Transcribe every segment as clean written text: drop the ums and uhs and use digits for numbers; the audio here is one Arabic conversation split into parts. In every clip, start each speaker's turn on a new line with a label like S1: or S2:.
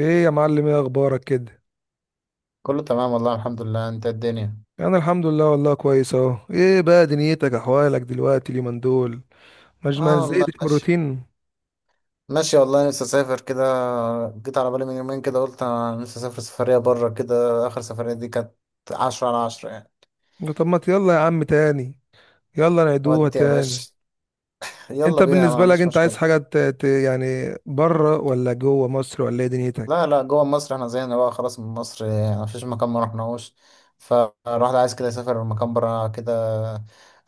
S1: ايه يا معلم، ايه اخبارك كده؟
S2: كله تمام والله، الحمد لله. انت إيه الدنيا؟
S1: انا الحمد لله والله كويس اهو. ايه بقى دنيتك، احوالك دلوقتي اليومين دول؟ مش
S2: اه
S1: ما
S2: والله،
S1: زهقتش من
S2: ماشي.
S1: الروتين؟
S2: ماشي والله، نفسي اسافر كده. جيت على بالي من يومين كده، قلت انا نفسي اسافر سفرية بره كده. اخر سفرية دي كانت عشرة على عشرة يعني.
S1: طب ما يلا يا عم تاني، يلا نعيدوها
S2: ودي يا
S1: تاني.
S2: باشا،
S1: انت
S2: يلا بينا، ما
S1: بالنسبه لك
S2: عنديش
S1: انت عايز
S2: مشكلة.
S1: حاجه يعني بره ولا جوه مصر ولا ايه
S2: لا،
S1: دنيتك؟
S2: لا، جوه مصر. احنا زينا بقى خلاص من مصر، يعني مفيش مكان ما رحناهوش. فالواحد عايز كده يسافر مكان برا كده.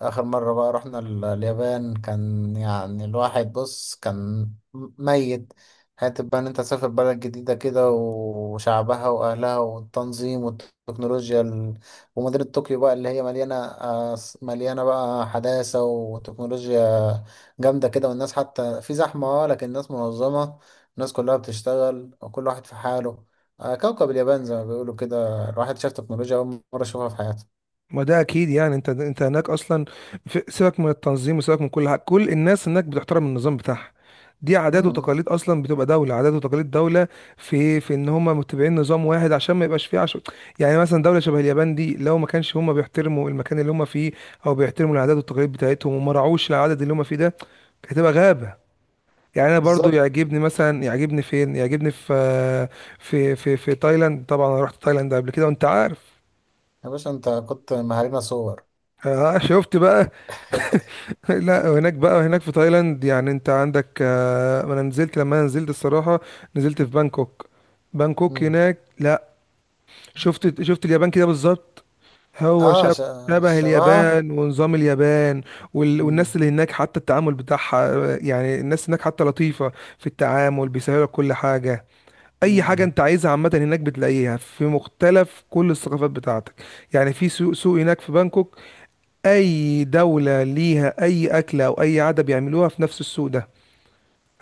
S2: اخر مرة بقى رحنا اليابان، كان يعني الواحد بص، كان ميت. حتى بقى ان انت تسافر بلد جديدة كده، وشعبها واهلها والتنظيم والتكنولوجيا ومدينة طوكيو بقى، اللي هي مليانة بقى حداثة وتكنولوجيا جامدة كده. والناس حتى في زحمة، لكن الناس منظمة. الناس كلها بتشتغل، وكل واحد في حاله. كوكب اليابان زي ما بيقولوا كده. الواحد شاف تكنولوجيا أول مرة يشوفها في حياته.
S1: ما ده اكيد. يعني انت هناك اصلا. سيبك من التنظيم وسيبك من كل حاجه، كل الناس هناك بتحترم النظام بتاعها. دي عادات
S2: مم.
S1: وتقاليد اصلا، بتبقى دوله عادات وتقاليد دوله. في ان هم متبعين نظام واحد عشان ما يبقاش فيه عشو. يعني مثلا دوله شبه اليابان دي، لو ما كانش هم بيحترموا المكان اللي هم فيه او بيحترموا العادات والتقاليد بتاعتهم وما راعوش العدد اللي هم فيه ده، كانت هتبقى غابه. يعني انا برضو
S2: بالظبط.
S1: يعجبني، مثلا يعجبني فين، يعجبني في تايلاند. طبعا انا رحت تايلاند قبل كده وانت عارف.
S2: يا باشا، أنت كنت مهارينا صور.
S1: آه شفت بقى. لا، وهناك بقى، هناك في تايلاند يعني انت عندك انا نزلت، لما انا نزلت الصراحة نزلت في بانكوك. بانكوك
S2: مم.
S1: هناك، لا، شفت اليابان كده بالظبط. هو
S2: آه
S1: شبه
S2: ش...
S1: شبه
S2: شبهها.
S1: اليابان ونظام اليابان والناس
S2: مم.
S1: اللي هناك، حتى التعامل بتاعها يعني الناس هناك حتى لطيفة في التعامل، بيسهلوا لك كل حاجة. اي حاجة
S2: مم.
S1: انت عايزها عامة هناك بتلاقيها، في مختلف كل الثقافات بتاعتك. يعني في سوق سوق هناك في بانكوك، اي دولة ليها اي اكلة او اي عادة بيعملوها في نفس السوق ده.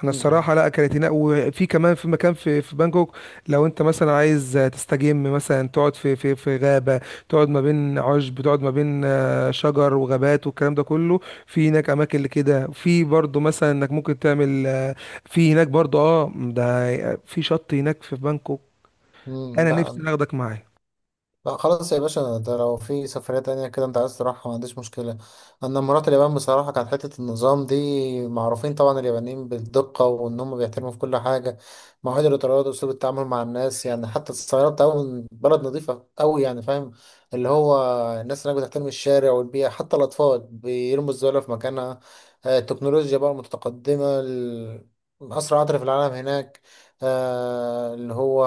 S1: انا
S2: مم.
S1: الصراحة لا اكلتنا، وفي كمان في مكان في بانكوك، لو انت مثلا عايز تستجم، مثلا تقعد في غابة، تقعد ما بين عشب، تقعد ما بين شجر وغابات والكلام ده كله. في هناك اماكن لكده. في برضو مثلا انك ممكن تعمل في هناك برضو ده في شط هناك في بانكوك.
S2: مم.
S1: انا نفسي
S2: بقى.
S1: اخدك معايا.
S2: لا، خلاص يا باشا. ده لو في سفرية تانية كده انت عايز تروحها، ما عنديش مشكلة. انا لما رحت اليابان بصراحة، كانت حتة النظام دي معروفين طبعا. اليابانيين بالدقة، وان هم بيحترموا في كل حاجة. مواعيد القطارات واسلوب التعامل مع الناس، يعني حتى الصيانة بتاعهم، بلد نظيفة قوي، يعني فاهم، اللي هو الناس هناك بتحترم الشارع والبيئة، حتى الأطفال بيرموا الزبالة في مكانها. التكنولوجيا بقى متقدمة. أسرع قطر في العالم هناك. اللي هو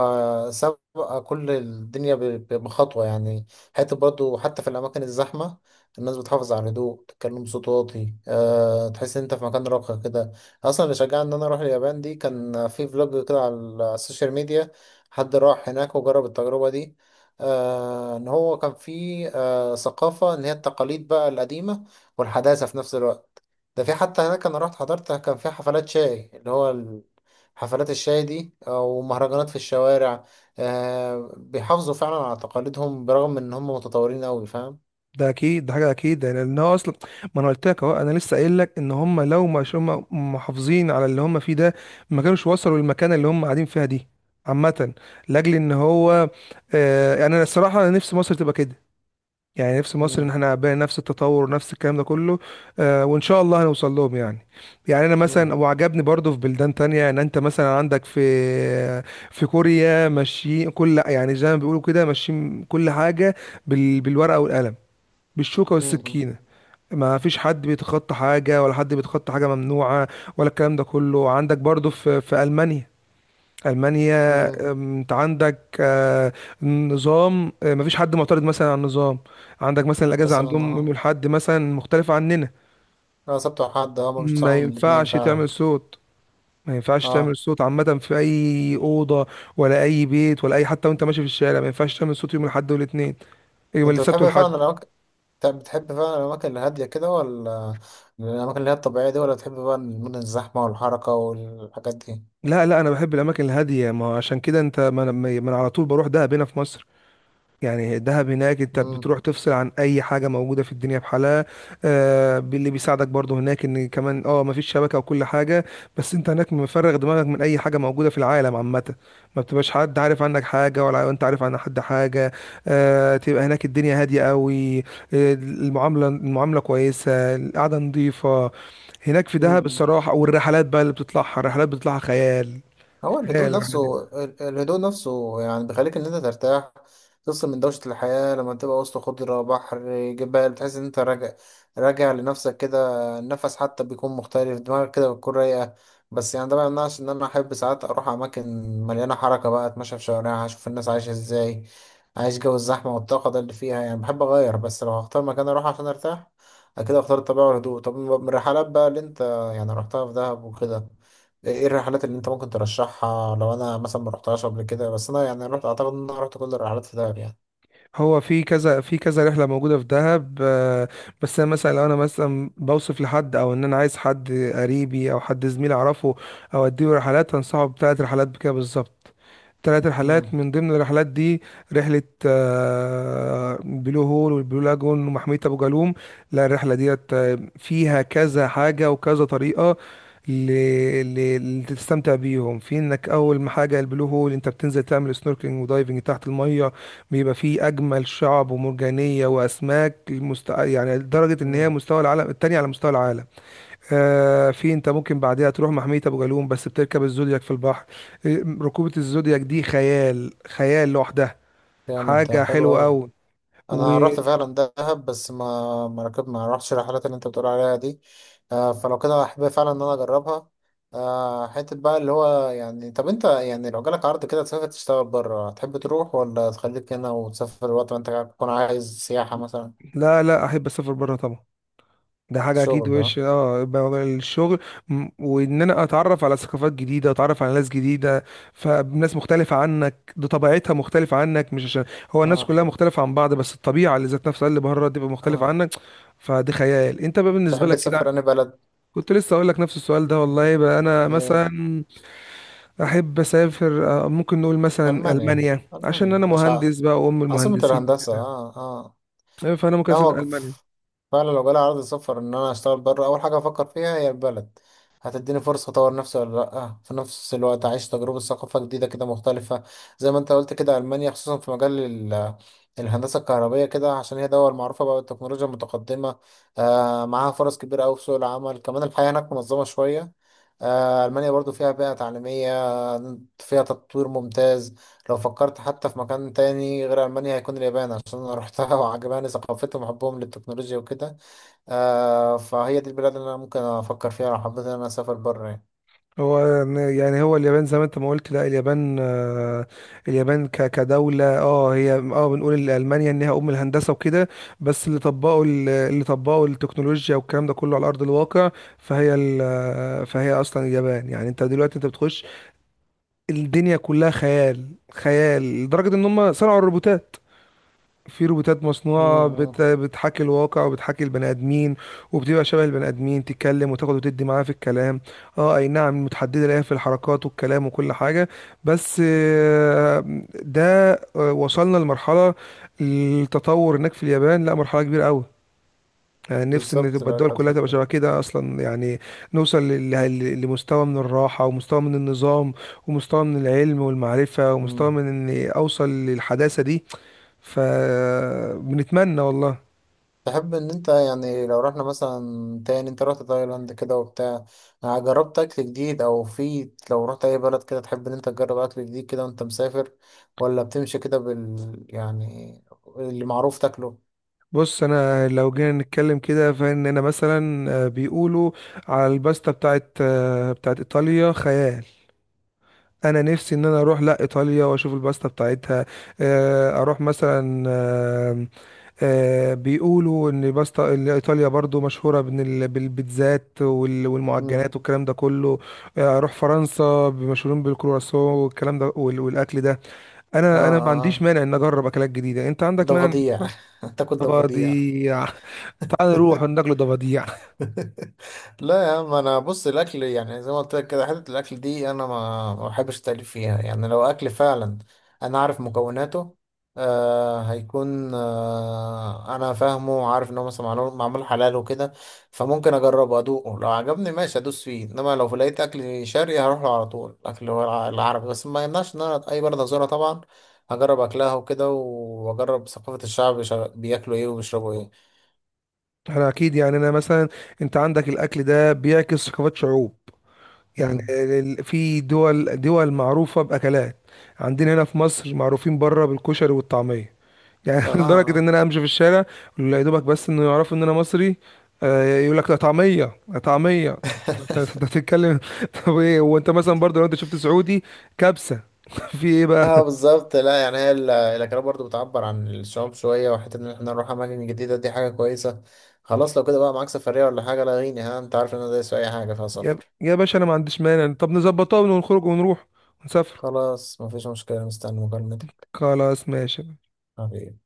S2: بقى كل الدنيا بخطوة يعني. حتى برضو، حتى في الأماكن الزحمة، الناس بتحافظ على الهدوء، تتكلم بصوت واطي. تحس إن أنت في مكان راقي كده. أصلا اللي شجعني إن أنا أروح اليابان دي، كان في فلوج كده على السوشيال ميديا. حد راح هناك وجرب التجربة دي. إن هو كان في ثقافة، إن هي التقاليد بقى القديمة والحداثة في نفس الوقت. ده في حتى هناك أنا رحت حضرت، كان في حفلات شاي اللي هو حفلات الشاي دي، ومهرجانات في الشوارع. بيحافظوا فعلا على تقاليدهم، برغم ان هم متطورين قوي، فاهم.
S1: ده اكيد، ده حاجه اكيد، يعني لان هو اصلا ما انا قلت لك اهو، انا لسه قايل لك ان هم لو مش هم محافظين على اللي هم فيه ده، ما كانوش وصلوا للمكانه اللي هم قاعدين فيها دي. عامه، لاجل ان هو يعني انا الصراحه انا نفسي مصر تبقى كده. يعني نفسي مصر ان
S2: مم.
S1: احنا بقى نفس التطور ونفس الكلام ده كله. آه، وان شاء الله هنوصل لهم يعني. يعني انا
S2: مم.
S1: مثلا وعجبني برضو في بلدان تانية، ان انت مثلا عندك في كوريا ماشيين كل، يعني زي ما بيقولوا كده ماشيين كل حاجه، بالورقه والقلم، بالشوكة
S2: مم.
S1: والسكينة. ما فيش حد بيتخطى حاجة، ولا حد بيتخطى حاجة ممنوعة ولا الكلام ده كله. عندك برضو في ألمانيا. ألمانيا،
S2: مم.
S1: انت عندك نظام. مفيش حد معترض مثلا على النظام. عندك مثلا الأجازة
S2: مثلا،
S1: عندهم يوم
S2: اه.
S1: الأحد، مثلا مختلفة عننا.
S2: اه، سبت وحد، اه، ما
S1: ما
S2: بيشتغلوا من الاتنين
S1: ينفعش
S2: فعلا.
S1: تعمل صوت ما ينفعش
S2: اه.
S1: تعمل صوت عامة في أي أوضة ولا أي بيت ولا أي، حتى وأنت ماشي في الشارع ما ينفعش تعمل صوت يوم الأحد والاثنين، يوم
S2: انت
S1: السبت
S2: بتحب
S1: والأحد.
S2: فعلا الاماكن؟ طب، بتحب فعلا الاماكن الهاديه كده، ولا الاماكن اللي هي الطبيعيه دي، ولا بتحب بقى المدن الزحمه والحركه والحاجات دي؟
S1: لا لا، انا بحب الاماكن الهاديه. ما هو عشان كده انت ما انا ما أنا على طول بروح دهب هنا في مصر. يعني دهب هناك انت
S2: مم.
S1: بتروح تفصل عن اي حاجه موجوده في الدنيا بحالها. آه، اللي بيساعدك برضو هناك ان كمان ما فيش شبكه وكل حاجه، بس انت هناك مفرغ دماغك من اي حاجه موجوده في العالم عامه. ما بتبقاش حد عارف عنك حاجه ولا انت عارف عن حد حاجه. تبقى هناك الدنيا هاديه قوي. المعامله كويسه، القعده نظيفه هناك في دهب
S2: مم.
S1: الصراحه. والرحلات بقى اللي بتطلعها، الرحلات بتطلعها خيال.
S2: هو
S1: ايه
S2: الهدوء
S1: الرحله دي؟
S2: نفسه يعني بيخليك ان انت ترتاح. تفصل من دوشة الحياة، لما تبقى وسط خضرة، بحر، جبال، تحس ان انت راجع، راجع لنفسك كده. النفس حتى بيكون مختلف، دماغك كده بتكون رايقة. بس يعني ده ما يمنعش ان انا احب ساعات اروح اماكن مليانة حركة، بقى اتمشى في شوارعها، اشوف الناس عايشة ازاي، عايش جو الزحمة والطاقة ده اللي فيها، يعني بحب اغير. بس لو هختار مكان اروح عشان ارتاح، اكيد اختار الطبيعة والهدوء. طب، من الرحلات بقى اللي انت يعني رحتها في دهب وكده، إيه الرحلات اللي انت ممكن ترشحها، لو انا مثلا ما رحتهاش قبل كده؟ بس انا يعني رحت، اعتقد ان انا رحت كل الرحلات في دهب يعني.
S1: هو في كذا، في كذا رحله موجوده في دهب، بس انا مثلا، لو انا مثلا بوصف لحد، او ان انا عايز حد قريبي او حد زميل اعرفه او اديه رحلات، هنصحه بثلاث رحلات بكده بالظبط. ثلاث رحلات
S2: امم.
S1: من ضمن الرحلات دي، رحله بلو هول، والبلو لاجون، ومحميه ابو جالوم. لا الرحله ديت فيها كذا حاجه وكذا طريقه ل... لتستمتع بيهم، في انك اول ما حاجه البلو هول انت بتنزل تعمل سنوركلينج ودايفنج تحت الميه. بيبقى فيه اجمل شعب ومرجانيه واسماك يعني لدرجه ان هي
S2: امم.
S1: مستوى العالم، التاني على مستوى العالم. في، انت ممكن بعدها تروح محميه ابو جالوم بس، بتركب الزودياك في البحر. ركوبه الزودياك دي خيال، خيال لوحدها.
S2: جامد، ده
S1: حاجه
S2: حلو
S1: حلوه
S2: قوي.
S1: قوي.
S2: انا
S1: ولا،
S2: رحت فعلا دهب، بس ما رحتش الرحلات اللي انت بتقول عليها دي. فلو كده، احب فعلا ان انا اجربها. حته بقى اللي هو يعني، طب انت يعني لو جالك عرض كده تسافر تشتغل بره، تحب تروح ولا تخليك هنا وتسافر وقت ما انت تكون عايز سياحه مثلا؟
S1: لا احب اسافر بره طبعا. ده حاجة أكيد.
S2: شغل، اه.
S1: وش يبقى الشغل وإن أنا أتعرف على ثقافات جديدة، أتعرف على ناس جديدة. فناس مختلفة عنك دي، طبيعتها مختلفة عنك، مش عشان هو الناس
S2: اه،
S1: كلها مختلفة عن بعض، بس الطبيعة اللي ذات نفسها اللي بره تبقى مختلفة
S2: اه.
S1: عنك. فدي خيال. أنت بقى بالنسبة
S2: تحب
S1: لك
S2: تسافر
S1: كده؟
S2: انا بلد.
S1: كنت لسه أقول لك نفس السؤال ده والله. بقى أنا
S2: إيه؟
S1: مثلا أحب أسافر ممكن نقول مثلا
S2: ألمانيا.
S1: ألمانيا،
S2: ألمانيا
S1: عشان
S2: يا
S1: أنا
S2: باشا.
S1: مهندس بقى وأم
S2: عاصمة
S1: المهندسين
S2: الهندسة،
S1: وكده.
S2: اه، اه.
S1: فأنا ممكن
S2: لا
S1: أسافر
S2: هو
S1: ألمانيا.
S2: فعلا لو جالي عرض سفر إن أنا أشتغل بره، أول حاجة أفكر فيها هي البلد. هتديني فرصة أطور نفسي ولا لأ؟ في نفس الوقت أعيش تجربة ثقافة جديدة كده مختلفة. زي ما أنت قلت كده، ألمانيا خصوصا في مجال الهندسة الكهربية كده، عشان هي دول معروفة بقى بالتكنولوجيا المتقدمة. معاها فرص كبيرة أوي في سوق العمل، كمان الحياة هناك منظمة شوية. ألمانيا برضو فيها بيئة تعليمية، فيها تطوير ممتاز. لو فكرت حتى في مكان تاني غير ألمانيا، هيكون اليابان، عشان أنا روحتها وعجباني ثقافتهم وحبهم للتكنولوجيا وكده. فهي دي البلاد اللي أنا ممكن أفكر فيها لو حبيت إن أنا أسافر بره يعني.
S1: هو يعني هو اليابان زي ما انت ما قلت. لا اليابان اليابان كدولة، هي بنقول ان ألمانيا انها ام الهندسة وكده، بس اللي طبقوا التكنولوجيا والكلام ده كله على ارض الواقع. فهي ال- آه، فهي اصلا اليابان، يعني انت دلوقتي انت بتخش، الدنيا كلها خيال، خيال لدرجة ان هم صنعوا الروبوتات. في روبوتات مصنوعة
S2: أمم.
S1: بتحاكي الواقع وبتحاكي البني آدمين، وبتبقى شبه البني آدمين، تتكلم وتاخد وتدي معاه في الكلام. اه اي نعم، متحددة ليها في الحركات والكلام وكل حاجة. بس ده وصلنا لمرحلة التطور هناك في اليابان، لا مرحلة كبيرة قوي. يعني نفسي ان
S2: بالظبط،
S1: تبقى
S2: بقى
S1: الدول
S2: كانت
S1: كلها تبقى
S2: فكرة.
S1: شبه كده اصلا يعني، نوصل لمستوى من الراحه، ومستوى من النظام، ومستوى من العلم والمعرفه، ومستوى
S2: أمم.
S1: من اني اوصل للحداثه دي. فبنتمنى والله.
S2: تحب إن أنت يعني لو رحنا مثلا، تاني أنت رحت تايلاند كده وبتاع، جربت أكل جديد؟ أو في لو رحت أي بلد كده، تحب إن أنت تجرب أكل جديد كده وأنت مسافر، ولا بتمشي كده يعني اللي معروف تاكله؟
S1: بص، انا لو جينا نتكلم كده فان انا مثلا، بيقولوا على الباستا بتاعت ايطاليا خيال. انا نفسي ان انا اروح لا ايطاليا واشوف الباستا بتاعتها. اروح مثلا، بيقولوا ان باستا، إن ايطاليا برضو مشهوره بإن بالبيتزات
S2: أمم.
S1: والمعجنات والكلام ده كله. اروح فرنسا، مشهورين بالكرواسون والكلام ده والاكل ده.
S2: اه،
S1: انا ما عنديش
S2: اه.
S1: مانع ان اجرب اكلات جديده. انت عندك مانع إنك
S2: ضفاديع.
S1: تجرب؟
S2: هتاكل ضفاديع؟
S1: ضفاديع. تعال نروح ناكل ضفاديع.
S2: لا يا عم، انا بص، الاكل يعني زي ما قلت لك كده، حته الاكل دي انا ما بحبش التأليف فيها، يعني لو اكل فعلا، انا عارف مكوناته. هيكون، انا فاهمه وعارف ان هو مثلا معمول معمول حلال وكده، فممكن اجربه ادوقه، لو عجبني ماشي ادوس فيه. انما لو لقيت اكل شرقي هروح له على طول، اكل هو العربي. بس ما يمنعش ان انا اي بلد ازورها طبعا، هجرب اكلها وكده، واجرب ثقافة الشعب بياكلوا ايه وبيشربوا ايه.
S1: احنا اكيد، يعني انا مثلا، انت عندك الاكل ده بيعكس ثقافات شعوب. يعني
S2: مم.
S1: في دول معروفه باكلات. عندنا هنا في مصر معروفين بره بالكشري والطعميه، يعني
S2: اه
S1: لدرجة
S2: اه.
S1: ان انا امشي في الشارع يا دوبك، بس انه يعرفوا ان انا مصري. يقول لك طعمية، طعمية. انت بتتكلم. طب ايه وانت مثلا برضه لو انت شفت سعودي؟ كبسة. في ايه بقى؟
S2: اه بالظبط. لا يعني هي الاكلات برضو بتعبر عن الشعوب شويه، وحته ان احنا نروح اماكن جديده دي حاجه كويسه. خلاص، لو كده بقى معاك سفريه ولا حاجه لاغيني، ها، انت عارف ان انا دايس في اي حاجه فيها
S1: يا
S2: سفر.
S1: يا باشا، انا ما عنديش مانع. طب نظبطها ونخرج ونروح ونسافر.
S2: خلاص، مفيش مشكله، مستني مكالمتك.
S1: خلاص ماشي.
S2: حبيبي.